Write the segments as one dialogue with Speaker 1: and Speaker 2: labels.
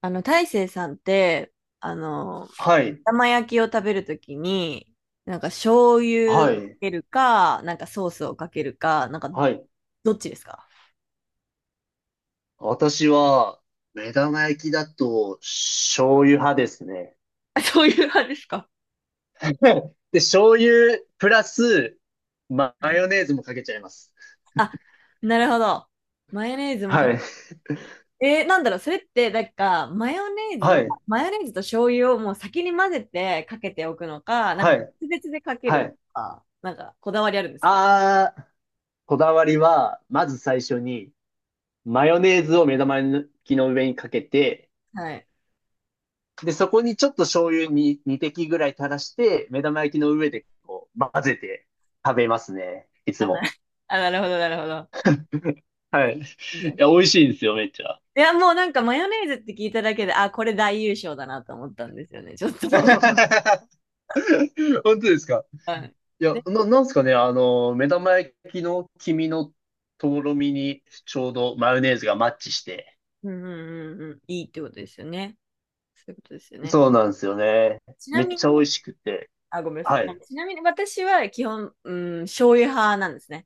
Speaker 1: 大成さんって、あの、
Speaker 2: はい、
Speaker 1: 玉焼きを食べるときに、なんか醤油を
Speaker 2: は
Speaker 1: か
Speaker 2: い、
Speaker 1: けるか、なんかソースをかけるか、なんか
Speaker 2: はい。
Speaker 1: どっちですか？
Speaker 2: 私は、目玉焼きだと、醤油派ですね。
Speaker 1: あ、 そういう派ですか？
Speaker 2: で、醤油プラス、マ
Speaker 1: うん。
Speaker 2: ヨネーズもかけちゃいます。
Speaker 1: あ、なるほど。マヨネーズもか
Speaker 2: は
Speaker 1: け、
Speaker 2: い、
Speaker 1: なんだろう、それって、なんか、マヨネーズ
Speaker 2: は
Speaker 1: は、
Speaker 2: い、
Speaker 1: マヨネーズと醤油をもう先に混ぜてかけておくのか、なんか
Speaker 2: はい、
Speaker 1: 別々でかけ
Speaker 2: は
Speaker 1: るの
Speaker 2: い。
Speaker 1: か、なんかこだわりあるんですか？
Speaker 2: あー、こだわりは、まず最初に、マヨネーズを目玉焼きの上にかけて、
Speaker 1: はい。
Speaker 2: で、そこにちょっと醤油に2滴ぐらい垂らして、目玉焼きの上でこう混ぜて食べますね。いつ
Speaker 1: あ、
Speaker 2: も。
Speaker 1: あ、なるほど、なるほど。
Speaker 2: はい。いや、美味しいんですよ、めっちゃ。
Speaker 1: いや、もうなんかマヨネーズって聞いただけで、あ、これ大優勝だなと思ったんですよね、ちょっと。
Speaker 2: 本当ですか？
Speaker 1: はい。
Speaker 2: いや、
Speaker 1: で、
Speaker 2: なんすかね、目玉焼きの黄身のとろみにちょうどマヨネーズがマッチして。
Speaker 1: うんうんうんうん、いいってことですよね。そういうことですよね。
Speaker 2: そうなんですよね。
Speaker 1: ちな
Speaker 2: めっ
Speaker 1: み
Speaker 2: ちゃ美
Speaker 1: に、
Speaker 2: 味しくて。
Speaker 1: あ、ごめんなさい。
Speaker 2: はい。
Speaker 1: ちなみに私は基本、うん、醤油派なんですね。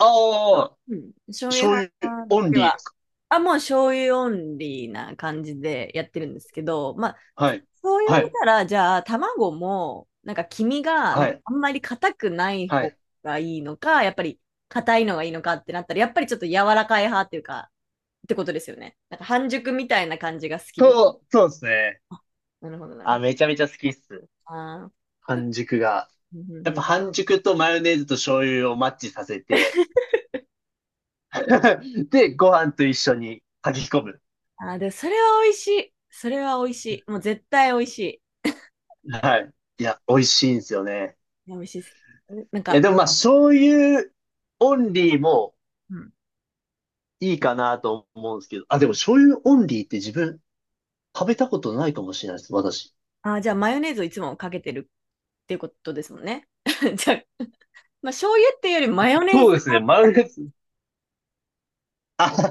Speaker 2: ああ、
Speaker 1: うん。醤油
Speaker 2: 醤
Speaker 1: 派
Speaker 2: 油オン
Speaker 1: で
Speaker 2: リーで
Speaker 1: は、
Speaker 2: すか？
Speaker 1: あ、もう醤油オンリーな感じでやってるんですけど、まあ、
Speaker 2: はい。
Speaker 1: そう言わ
Speaker 2: は
Speaker 1: れ
Speaker 2: い。
Speaker 1: たら、じゃあ、卵も、なんか黄身が、な
Speaker 2: は
Speaker 1: んか
Speaker 2: い。
Speaker 1: あんまり硬くない
Speaker 2: は
Speaker 1: 方
Speaker 2: い。
Speaker 1: がいいのか、やっぱり硬いのがいいのかってなったら、やっぱりちょっと柔らかい派っていうか、ってことですよね。なんか半熟みたいな感じが好きです。
Speaker 2: そうですね。
Speaker 1: あ、なるほど、なる
Speaker 2: あ、
Speaker 1: ほど。
Speaker 2: めちゃめちゃ好きっす。
Speaker 1: あー、
Speaker 2: 半熟が。
Speaker 1: うんう
Speaker 2: や
Speaker 1: ん
Speaker 2: っ
Speaker 1: う
Speaker 2: ぱ
Speaker 1: ん。
Speaker 2: 半熟とマヨネーズと醤油をマッチさせて、で、ご飯と一緒に炊き込む。
Speaker 1: あー、で、それは美味しい。それは美味しい。もう絶対美味しい。
Speaker 2: はい。いや、美味しいんですよね。
Speaker 1: いや、美味しいです。なん
Speaker 2: いや、
Speaker 1: か、
Speaker 2: でもまあ、醤油オンリーも
Speaker 1: うん。
Speaker 2: いいかなと思うんですけど、あ、でも醤油オンリーって自分食べたことないかもしれないです、私。
Speaker 1: あー、じゃあマヨネーズをいつもかけてるっていうことですもんね。じゃあ、まあ、醤油っていうよりマヨネー
Speaker 2: そう
Speaker 1: ズ
Speaker 2: で
Speaker 1: が
Speaker 2: す
Speaker 1: あ
Speaker 2: ね、
Speaker 1: るみ
Speaker 2: マ
Speaker 1: た
Speaker 2: ヨ
Speaker 1: い
Speaker 2: ネーズ。あ、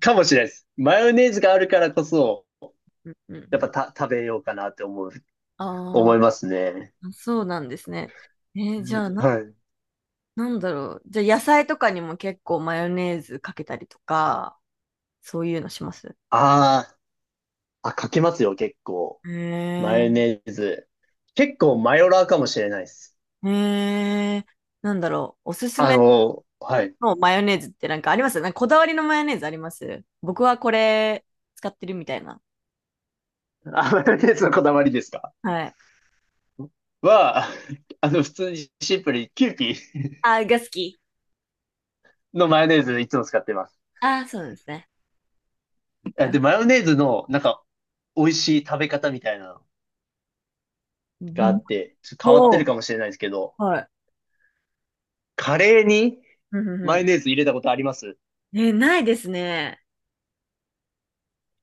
Speaker 2: かもしれないです。マヨネーズがあるからこそ、
Speaker 1: な。うんう
Speaker 2: やっぱ
Speaker 1: ん。
Speaker 2: 食べようかなって
Speaker 1: あ
Speaker 2: 思いますね。
Speaker 1: あ、そうなんですね。じゃあ、
Speaker 2: はい。
Speaker 1: なんだろう。じゃあ野菜とかにも結構マヨネーズかけたりとか、そういうのします？
Speaker 2: あーあ、かけますよ、結構。
Speaker 1: へ
Speaker 2: マ
Speaker 1: え、
Speaker 2: ヨネーズ。結構マヨラーかもしれないです。
Speaker 1: へえ、なんだろう。おすすめ
Speaker 2: はい。
Speaker 1: のマヨネーズってなんかあります？なんかこだわりのマヨネーズあります？僕はこれ使ってるみたいな。
Speaker 2: あ、マヨネーズのこだわりですか？
Speaker 1: はい。
Speaker 2: は、普通にシンプルにキューピー
Speaker 1: あー、が好き。
Speaker 2: のマヨネーズいつも使ってます。
Speaker 1: ああ、そうなんですね。
Speaker 2: あで、マヨネーズの、なんか、美味しい食べ方みたいなの
Speaker 1: う
Speaker 2: があ
Speaker 1: ん。
Speaker 2: って、ちょっと変わって
Speaker 1: お
Speaker 2: るか
Speaker 1: ー、
Speaker 2: もしれないですけど、
Speaker 1: はい。
Speaker 2: カレーに
Speaker 1: うんうん
Speaker 2: マヨ
Speaker 1: う
Speaker 2: ネーズ入れたことあります？
Speaker 1: ん。え、ないですね。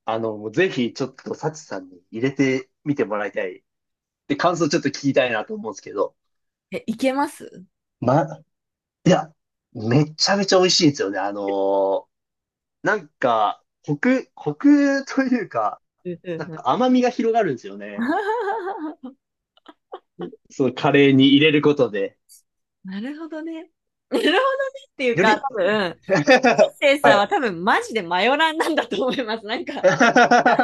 Speaker 2: もうぜひ、ちょっと、サチさんに入れてみてもらいたい。で、感想ちょっと聞きたいなと思うんですけど、
Speaker 1: え、いけます？
Speaker 2: ま、いや、めちゃめちゃ美味しいんですよね。なんか、コクというか、
Speaker 1: うんう
Speaker 2: なん
Speaker 1: んうん。
Speaker 2: か甘みが広がるんですよね。そのカレーに入れることで。
Speaker 1: なるほどね。なるほどねっていう
Speaker 2: よ
Speaker 1: か、多
Speaker 2: り、
Speaker 1: 分、セイ
Speaker 2: は
Speaker 1: さん
Speaker 2: い。
Speaker 1: は多分マジでマヨラーなんだと思います。なん か、
Speaker 2: 確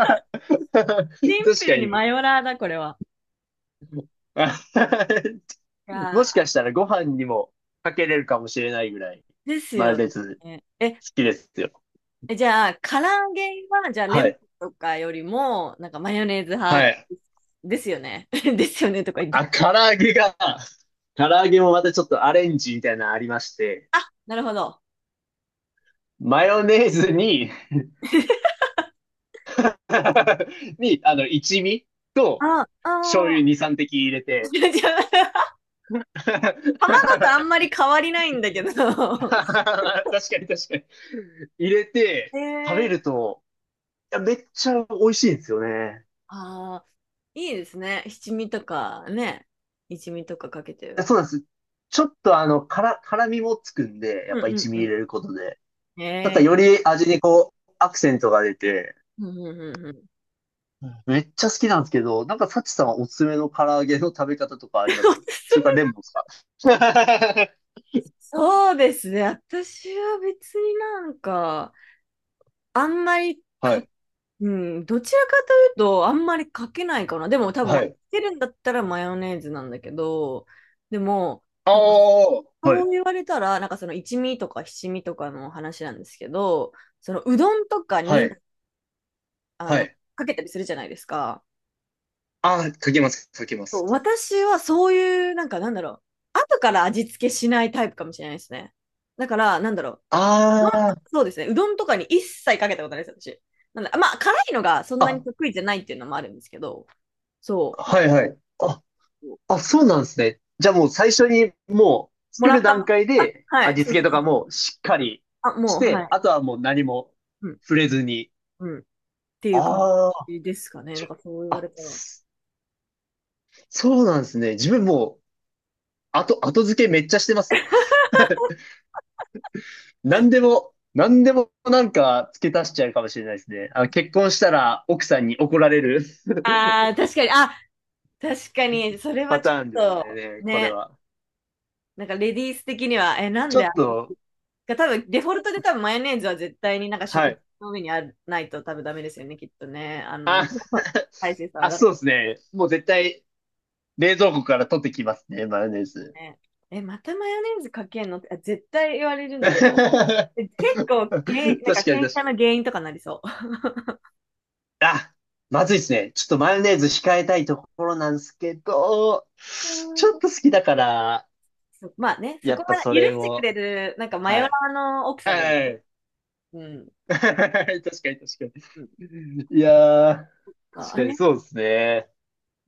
Speaker 1: シンプ
Speaker 2: か
Speaker 1: ルにマ
Speaker 2: に。
Speaker 1: ヨラーだ、これは。いや
Speaker 2: もしかしたらご飯にもかけれるかもしれないぐらい、
Speaker 1: ーです
Speaker 2: マ
Speaker 1: よ
Speaker 2: レ好
Speaker 1: ね。え、
Speaker 2: きですよ。
Speaker 1: えじゃあ、唐揚げは、じゃあ、レ
Speaker 2: は
Speaker 1: モン
Speaker 2: い。
Speaker 1: とかよりも、なんかマヨネーズ
Speaker 2: は
Speaker 1: 派
Speaker 2: い。
Speaker 1: ですよね。ですよねとか言って。
Speaker 2: あ、唐揚げもまたちょっとアレンジみたいなのありまして、
Speaker 1: なるほど。
Speaker 2: マヨネーズに 一味と、
Speaker 1: あ、あ
Speaker 2: 醤油
Speaker 1: あ、
Speaker 2: 2、3滴入れ て。
Speaker 1: じゃあ
Speaker 2: 確
Speaker 1: 卵とあんまり変わりないんだけど。
Speaker 2: かに確かに。入れ
Speaker 1: へ
Speaker 2: て、食べる
Speaker 1: ー。
Speaker 2: と、いや、めっちゃ美味しいんですよね。
Speaker 1: ああ、いいですね。七味とかね。一味とかかけて
Speaker 2: いや
Speaker 1: る。
Speaker 2: そうなんです。ちょっと辛みもつくんで、や
Speaker 1: う
Speaker 2: っぱ
Speaker 1: んう
Speaker 2: 一
Speaker 1: ん
Speaker 2: 味入
Speaker 1: う
Speaker 2: れることで。
Speaker 1: ん。
Speaker 2: なん
Speaker 1: へ
Speaker 2: か
Speaker 1: え
Speaker 2: より味にこう、アクセントが出て、
Speaker 1: ー、うんうんうんうん。
Speaker 2: うんめっちゃ好きなんですけど、なんかサチさんはおすすめの唐揚げの食べ方とかあります？それからレモンですか？
Speaker 1: そうですね。私は別になんか、あんまり
Speaker 2: は
Speaker 1: か、
Speaker 2: い。
Speaker 1: うん、どちらかというと、あんまりかけないかな。でも多分、ま
Speaker 2: は
Speaker 1: か
Speaker 2: い。
Speaker 1: けるんだったらマヨネーズなんだけど、でも、
Speaker 2: ああ、
Speaker 1: なんか
Speaker 2: は
Speaker 1: そ
Speaker 2: い。
Speaker 1: う言われたら、なんかその一味とか七味とかの話なんですけど、そのうどんとか
Speaker 2: は
Speaker 1: に
Speaker 2: い。
Speaker 1: あ
Speaker 2: は
Speaker 1: の
Speaker 2: い。
Speaker 1: かけたりするじゃないですか。
Speaker 2: ああ、かけます、かけま
Speaker 1: そう、
Speaker 2: す。
Speaker 1: 私はそういう、なんかなんだろう、後から味付けしないタイプかもしれないですね。だから、なんだろう、まあ、
Speaker 2: あ
Speaker 1: そうですね、うどんとかに一切かけたことないです、私。なんだ、まあ、辛いのがそん
Speaker 2: あ、
Speaker 1: なに
Speaker 2: あ、
Speaker 1: 得意じゃないっていうのもあるんですけど、そう、なん
Speaker 2: は
Speaker 1: か
Speaker 2: いはい。あ、
Speaker 1: こ
Speaker 2: あ、そうなんですね。じゃあもう最初にもう
Speaker 1: うも
Speaker 2: 作
Speaker 1: ら
Speaker 2: る
Speaker 1: った、
Speaker 2: 段階
Speaker 1: あ、
Speaker 2: で
Speaker 1: はい、
Speaker 2: 味
Speaker 1: そう
Speaker 2: 付け
Speaker 1: そう
Speaker 2: と
Speaker 1: そ
Speaker 2: か
Speaker 1: う、
Speaker 2: もしっかり
Speaker 1: あ、
Speaker 2: し
Speaker 1: もう、は
Speaker 2: て、
Speaker 1: い、
Speaker 2: あとはもう何も
Speaker 1: うん、
Speaker 2: 触れずに。
Speaker 1: うん、っていう感
Speaker 2: ああ、
Speaker 1: じですかね。
Speaker 2: ち
Speaker 1: なん
Speaker 2: ょ
Speaker 1: かそう言わ
Speaker 2: あ、
Speaker 1: れたら。
Speaker 2: そそうなんですね。自分もう後付けめっちゃしてますね。何でも、何でもなんか付け足しちゃうかもしれないですね。結婚したら奥さんに怒られる
Speaker 1: ああ、確かに、あ、確かに、それ は
Speaker 2: パ
Speaker 1: ちょっ
Speaker 2: ターンです
Speaker 1: と、
Speaker 2: ね、これ
Speaker 1: ね、
Speaker 2: は。
Speaker 1: なんかレディース的には、なん
Speaker 2: ち
Speaker 1: で
Speaker 2: ょ
Speaker 1: 味
Speaker 2: っと、
Speaker 1: が多分、デフォルトで多分マヨネーズは絶対になんか
Speaker 2: は
Speaker 1: 食卓
Speaker 2: い。
Speaker 1: の上にある、ないと多分ダメですよね、きっとね。
Speaker 2: あ、
Speaker 1: 大勢さ んは
Speaker 2: あ、
Speaker 1: だ
Speaker 2: そう
Speaker 1: か
Speaker 2: で
Speaker 1: ら
Speaker 2: すね。もう絶対冷蔵庫から取ってきますね、マヨネーズ。
Speaker 1: ね。え、またマヨネーズかけんのって、あ、絶対言われる ん
Speaker 2: 確
Speaker 1: で。
Speaker 2: か
Speaker 1: え、結構げん
Speaker 2: に
Speaker 1: なんか
Speaker 2: 確か
Speaker 1: 喧嘩
Speaker 2: に。
Speaker 1: の原因とかなりそ
Speaker 2: あ、まずいですね。ちょっとマヨネーズ控えたいところなんですけど、
Speaker 1: う。う
Speaker 2: ち
Speaker 1: ん。
Speaker 2: ょっ と好きだから、
Speaker 1: まあね、そ
Speaker 2: や
Speaker 1: こ
Speaker 2: っ
Speaker 1: は
Speaker 2: ぱそ
Speaker 1: 許
Speaker 2: れ
Speaker 1: してく
Speaker 2: も、
Speaker 1: れる、なんかマ
Speaker 2: は
Speaker 1: ヨラ
Speaker 2: い。
Speaker 1: ーの奥さんがいる。
Speaker 2: はい。
Speaker 1: うん。
Speaker 2: 確かに確か
Speaker 1: うん、
Speaker 2: に。いやー、
Speaker 1: あ
Speaker 2: 確
Speaker 1: あ
Speaker 2: かに
Speaker 1: れ、
Speaker 2: そうですね。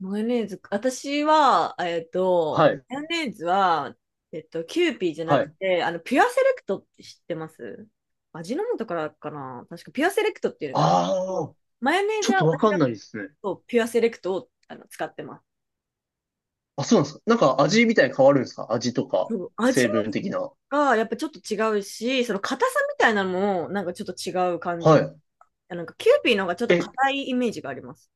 Speaker 1: マヨネーズ、私は、
Speaker 2: はい。
Speaker 1: マヨネーズは、キューピーじゃな
Speaker 2: は
Speaker 1: く
Speaker 2: い。
Speaker 1: て、ピュアセレクトって知ってます？味の素からかな、確かピュアセレクトっていうのがあるんですけ
Speaker 2: あー、
Speaker 1: ど、マヨネー
Speaker 2: ちょ
Speaker 1: ズ
Speaker 2: っ
Speaker 1: は
Speaker 2: とわ
Speaker 1: 私
Speaker 2: かん
Speaker 1: だ
Speaker 2: ないですね。
Speaker 1: とピュアセレクトを使ってます。
Speaker 2: あ、そうなんですか。なんか味みたいに変わるんですか？味とか、
Speaker 1: そう、味
Speaker 2: 成分的な。
Speaker 1: がやっぱちょっと違うし、その硬さみたいなのもなんかちょっと違う感じ。
Speaker 2: は
Speaker 1: あ、なんかキューピーの方がちょっ
Speaker 2: い。
Speaker 1: と
Speaker 2: え、
Speaker 1: 硬いイメージがあります。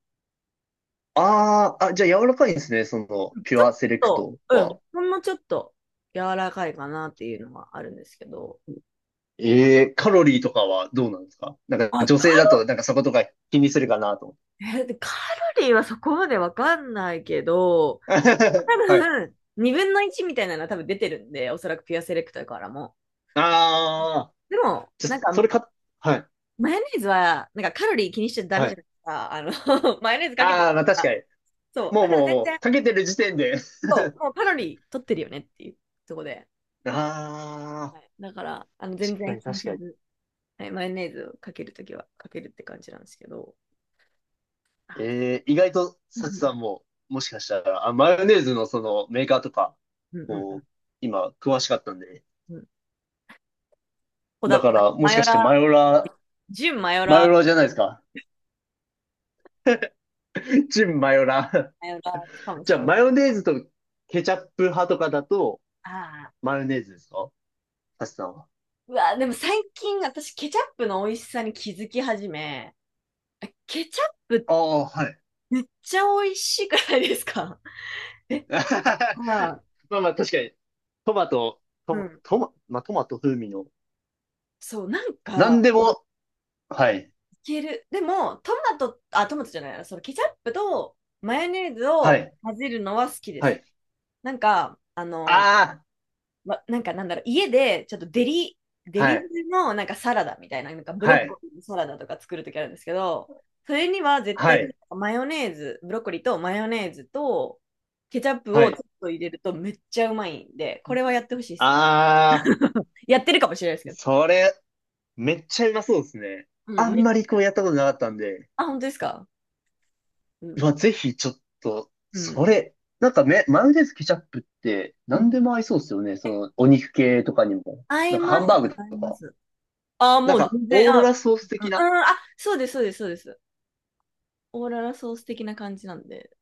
Speaker 2: あー、あ、じゃあ柔らかいんですね。その、ピ
Speaker 1: ち
Speaker 2: ュ
Speaker 1: ょっ
Speaker 2: アセレク
Speaker 1: と、
Speaker 2: ト
Speaker 1: う
Speaker 2: は。
Speaker 1: ん、ほんのちょっと柔らかいかなっていうのはあるんですけど。
Speaker 2: カロリーとかはどうなんですか？なんか
Speaker 1: あ、
Speaker 2: 女性だと、なんかそことか気にするかなと思って。
Speaker 1: え、でカロリーはそこまでわかんないけど、多
Speaker 2: はい。
Speaker 1: 分、2分の1みたいなのは多分出てるんで、おそらくピュアセレクトからも。
Speaker 2: あ
Speaker 1: でも、
Speaker 2: ー、じ
Speaker 1: なん
Speaker 2: ゃ、
Speaker 1: か、
Speaker 2: それか、はい、
Speaker 1: マヨネーズは、なんかカロリー気にしちゃダ
Speaker 2: は
Speaker 1: メじゃ
Speaker 2: い。
Speaker 1: ないですか。マヨネーズかけてる
Speaker 2: あー、まあ
Speaker 1: か
Speaker 2: 確
Speaker 1: ら。
Speaker 2: かに。
Speaker 1: そう。
Speaker 2: もう
Speaker 1: だから
Speaker 2: もう
Speaker 1: 全
Speaker 2: も
Speaker 1: 然、
Speaker 2: う、かけてる時点で。
Speaker 1: そう、もうカロリー取ってるよねっていうとこで。
Speaker 2: あ
Speaker 1: はい、だから、
Speaker 2: ー、
Speaker 1: 全
Speaker 2: 確か
Speaker 1: 然
Speaker 2: に
Speaker 1: 気に
Speaker 2: 確
Speaker 1: せ
Speaker 2: かに。
Speaker 1: ず、はい、マヨネーズをかけるときはかけるって感じなんですけど。あ、
Speaker 2: 意外と、
Speaker 1: う
Speaker 2: サチさ
Speaker 1: ん
Speaker 2: んも、もしかしたら、あ、マヨネーズのそのメーカーとか、
Speaker 1: うんうん
Speaker 2: こ
Speaker 1: う
Speaker 2: う、今、詳しかったんで。
Speaker 1: んうん。
Speaker 2: だ
Speaker 1: ま
Speaker 2: から、も
Speaker 1: マ
Speaker 2: しか
Speaker 1: ヨ
Speaker 2: して
Speaker 1: ラー、純マヨ
Speaker 2: マ
Speaker 1: ラ
Speaker 2: ヨラーじゃ
Speaker 1: ー、
Speaker 2: ないですか。チンマヨラー。
Speaker 1: マヨラーかも し
Speaker 2: じゃあ、
Speaker 1: れない。
Speaker 2: マヨネーズとケチャップ派とかだと、
Speaker 1: ああ。
Speaker 2: マヨネーズですか？サチさんは。
Speaker 1: うわ、でも最近私ケチャップの美味しさに気づき始め、ケチャップ
Speaker 2: ああ、はい。
Speaker 1: めっちゃ美味しくないですか？ え、まあ、
Speaker 2: まあまあ、確かに、トマト、
Speaker 1: うん。
Speaker 2: まあ、トマト風味の、
Speaker 1: そう、なん
Speaker 2: なん
Speaker 1: か、
Speaker 2: でも、はい、
Speaker 1: いける。でも、トマト、あ、トマトじゃないな、そのケチャップとマヨネーズ
Speaker 2: は
Speaker 1: を
Speaker 2: い、
Speaker 1: 混ぜるのは好きで
Speaker 2: は
Speaker 1: す。
Speaker 2: い。
Speaker 1: なんか、
Speaker 2: あ
Speaker 1: ま、なんかなんだろう、家でちょっとデリ、デ
Speaker 2: あ、は
Speaker 1: リ
Speaker 2: い、
Speaker 1: のなんかサラダみたいな、なんかブ
Speaker 2: は
Speaker 1: ロッ
Speaker 2: い、
Speaker 1: コリーのサラダとか作るときあるんですけど、それには絶
Speaker 2: は
Speaker 1: 対
Speaker 2: い、
Speaker 1: マヨネーズ、ブロッコリーとマヨネーズとケチャップ
Speaker 2: は
Speaker 1: をちょ
Speaker 2: い。
Speaker 1: っと入れるとめっちゃうまいんで、これはやってほしいです。
Speaker 2: あ
Speaker 1: やってるかもしれないです
Speaker 2: ー、
Speaker 1: けど。
Speaker 2: それ、めっちゃうまそうですね。
Speaker 1: う
Speaker 2: あ
Speaker 1: ん、
Speaker 2: んまりこうやったことなかったんで、
Speaker 1: あ、本当ですか？う
Speaker 2: う
Speaker 1: ん。
Speaker 2: わ、ぜひちょっと、
Speaker 1: う
Speaker 2: そ
Speaker 1: ん。
Speaker 2: れ、なんかマヨネーズケチャップって
Speaker 1: う
Speaker 2: 何
Speaker 1: ん、
Speaker 2: でも合いそうですよね。その、お肉系とかにも。
Speaker 1: 合い
Speaker 2: なんかハ
Speaker 1: ま
Speaker 2: ン
Speaker 1: す。
Speaker 2: バーグ
Speaker 1: 合い
Speaker 2: と
Speaker 1: ま
Speaker 2: か。
Speaker 1: す。ああ、
Speaker 2: な
Speaker 1: も
Speaker 2: ん
Speaker 1: う
Speaker 2: か、
Speaker 1: 全
Speaker 2: オ
Speaker 1: 然、
Speaker 2: ーロ
Speaker 1: あ、
Speaker 2: ラソース
Speaker 1: うん、
Speaker 2: 的な
Speaker 1: うん、あ、そうです、そうです、そうです。オーララソース的な感じなんで、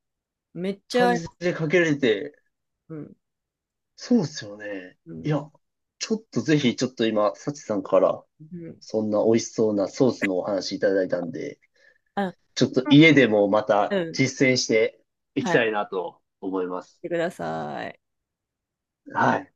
Speaker 1: めっちゃ
Speaker 2: 感
Speaker 1: 合い
Speaker 2: じ
Speaker 1: ます、
Speaker 2: でかけられて、
Speaker 1: うん、
Speaker 2: そうですよね。
Speaker 1: う
Speaker 2: い
Speaker 1: ん、
Speaker 2: や、ちょっとぜひ、ちょっと今、サチさんから、
Speaker 1: うん。
Speaker 2: そんな美味しそうなソースのお話いただいたんで、
Speaker 1: うん。
Speaker 2: ちょっと家でもまた
Speaker 1: うん。
Speaker 2: 実践していき
Speaker 1: はい。
Speaker 2: たいなと思います。
Speaker 1: してください。
Speaker 2: はい。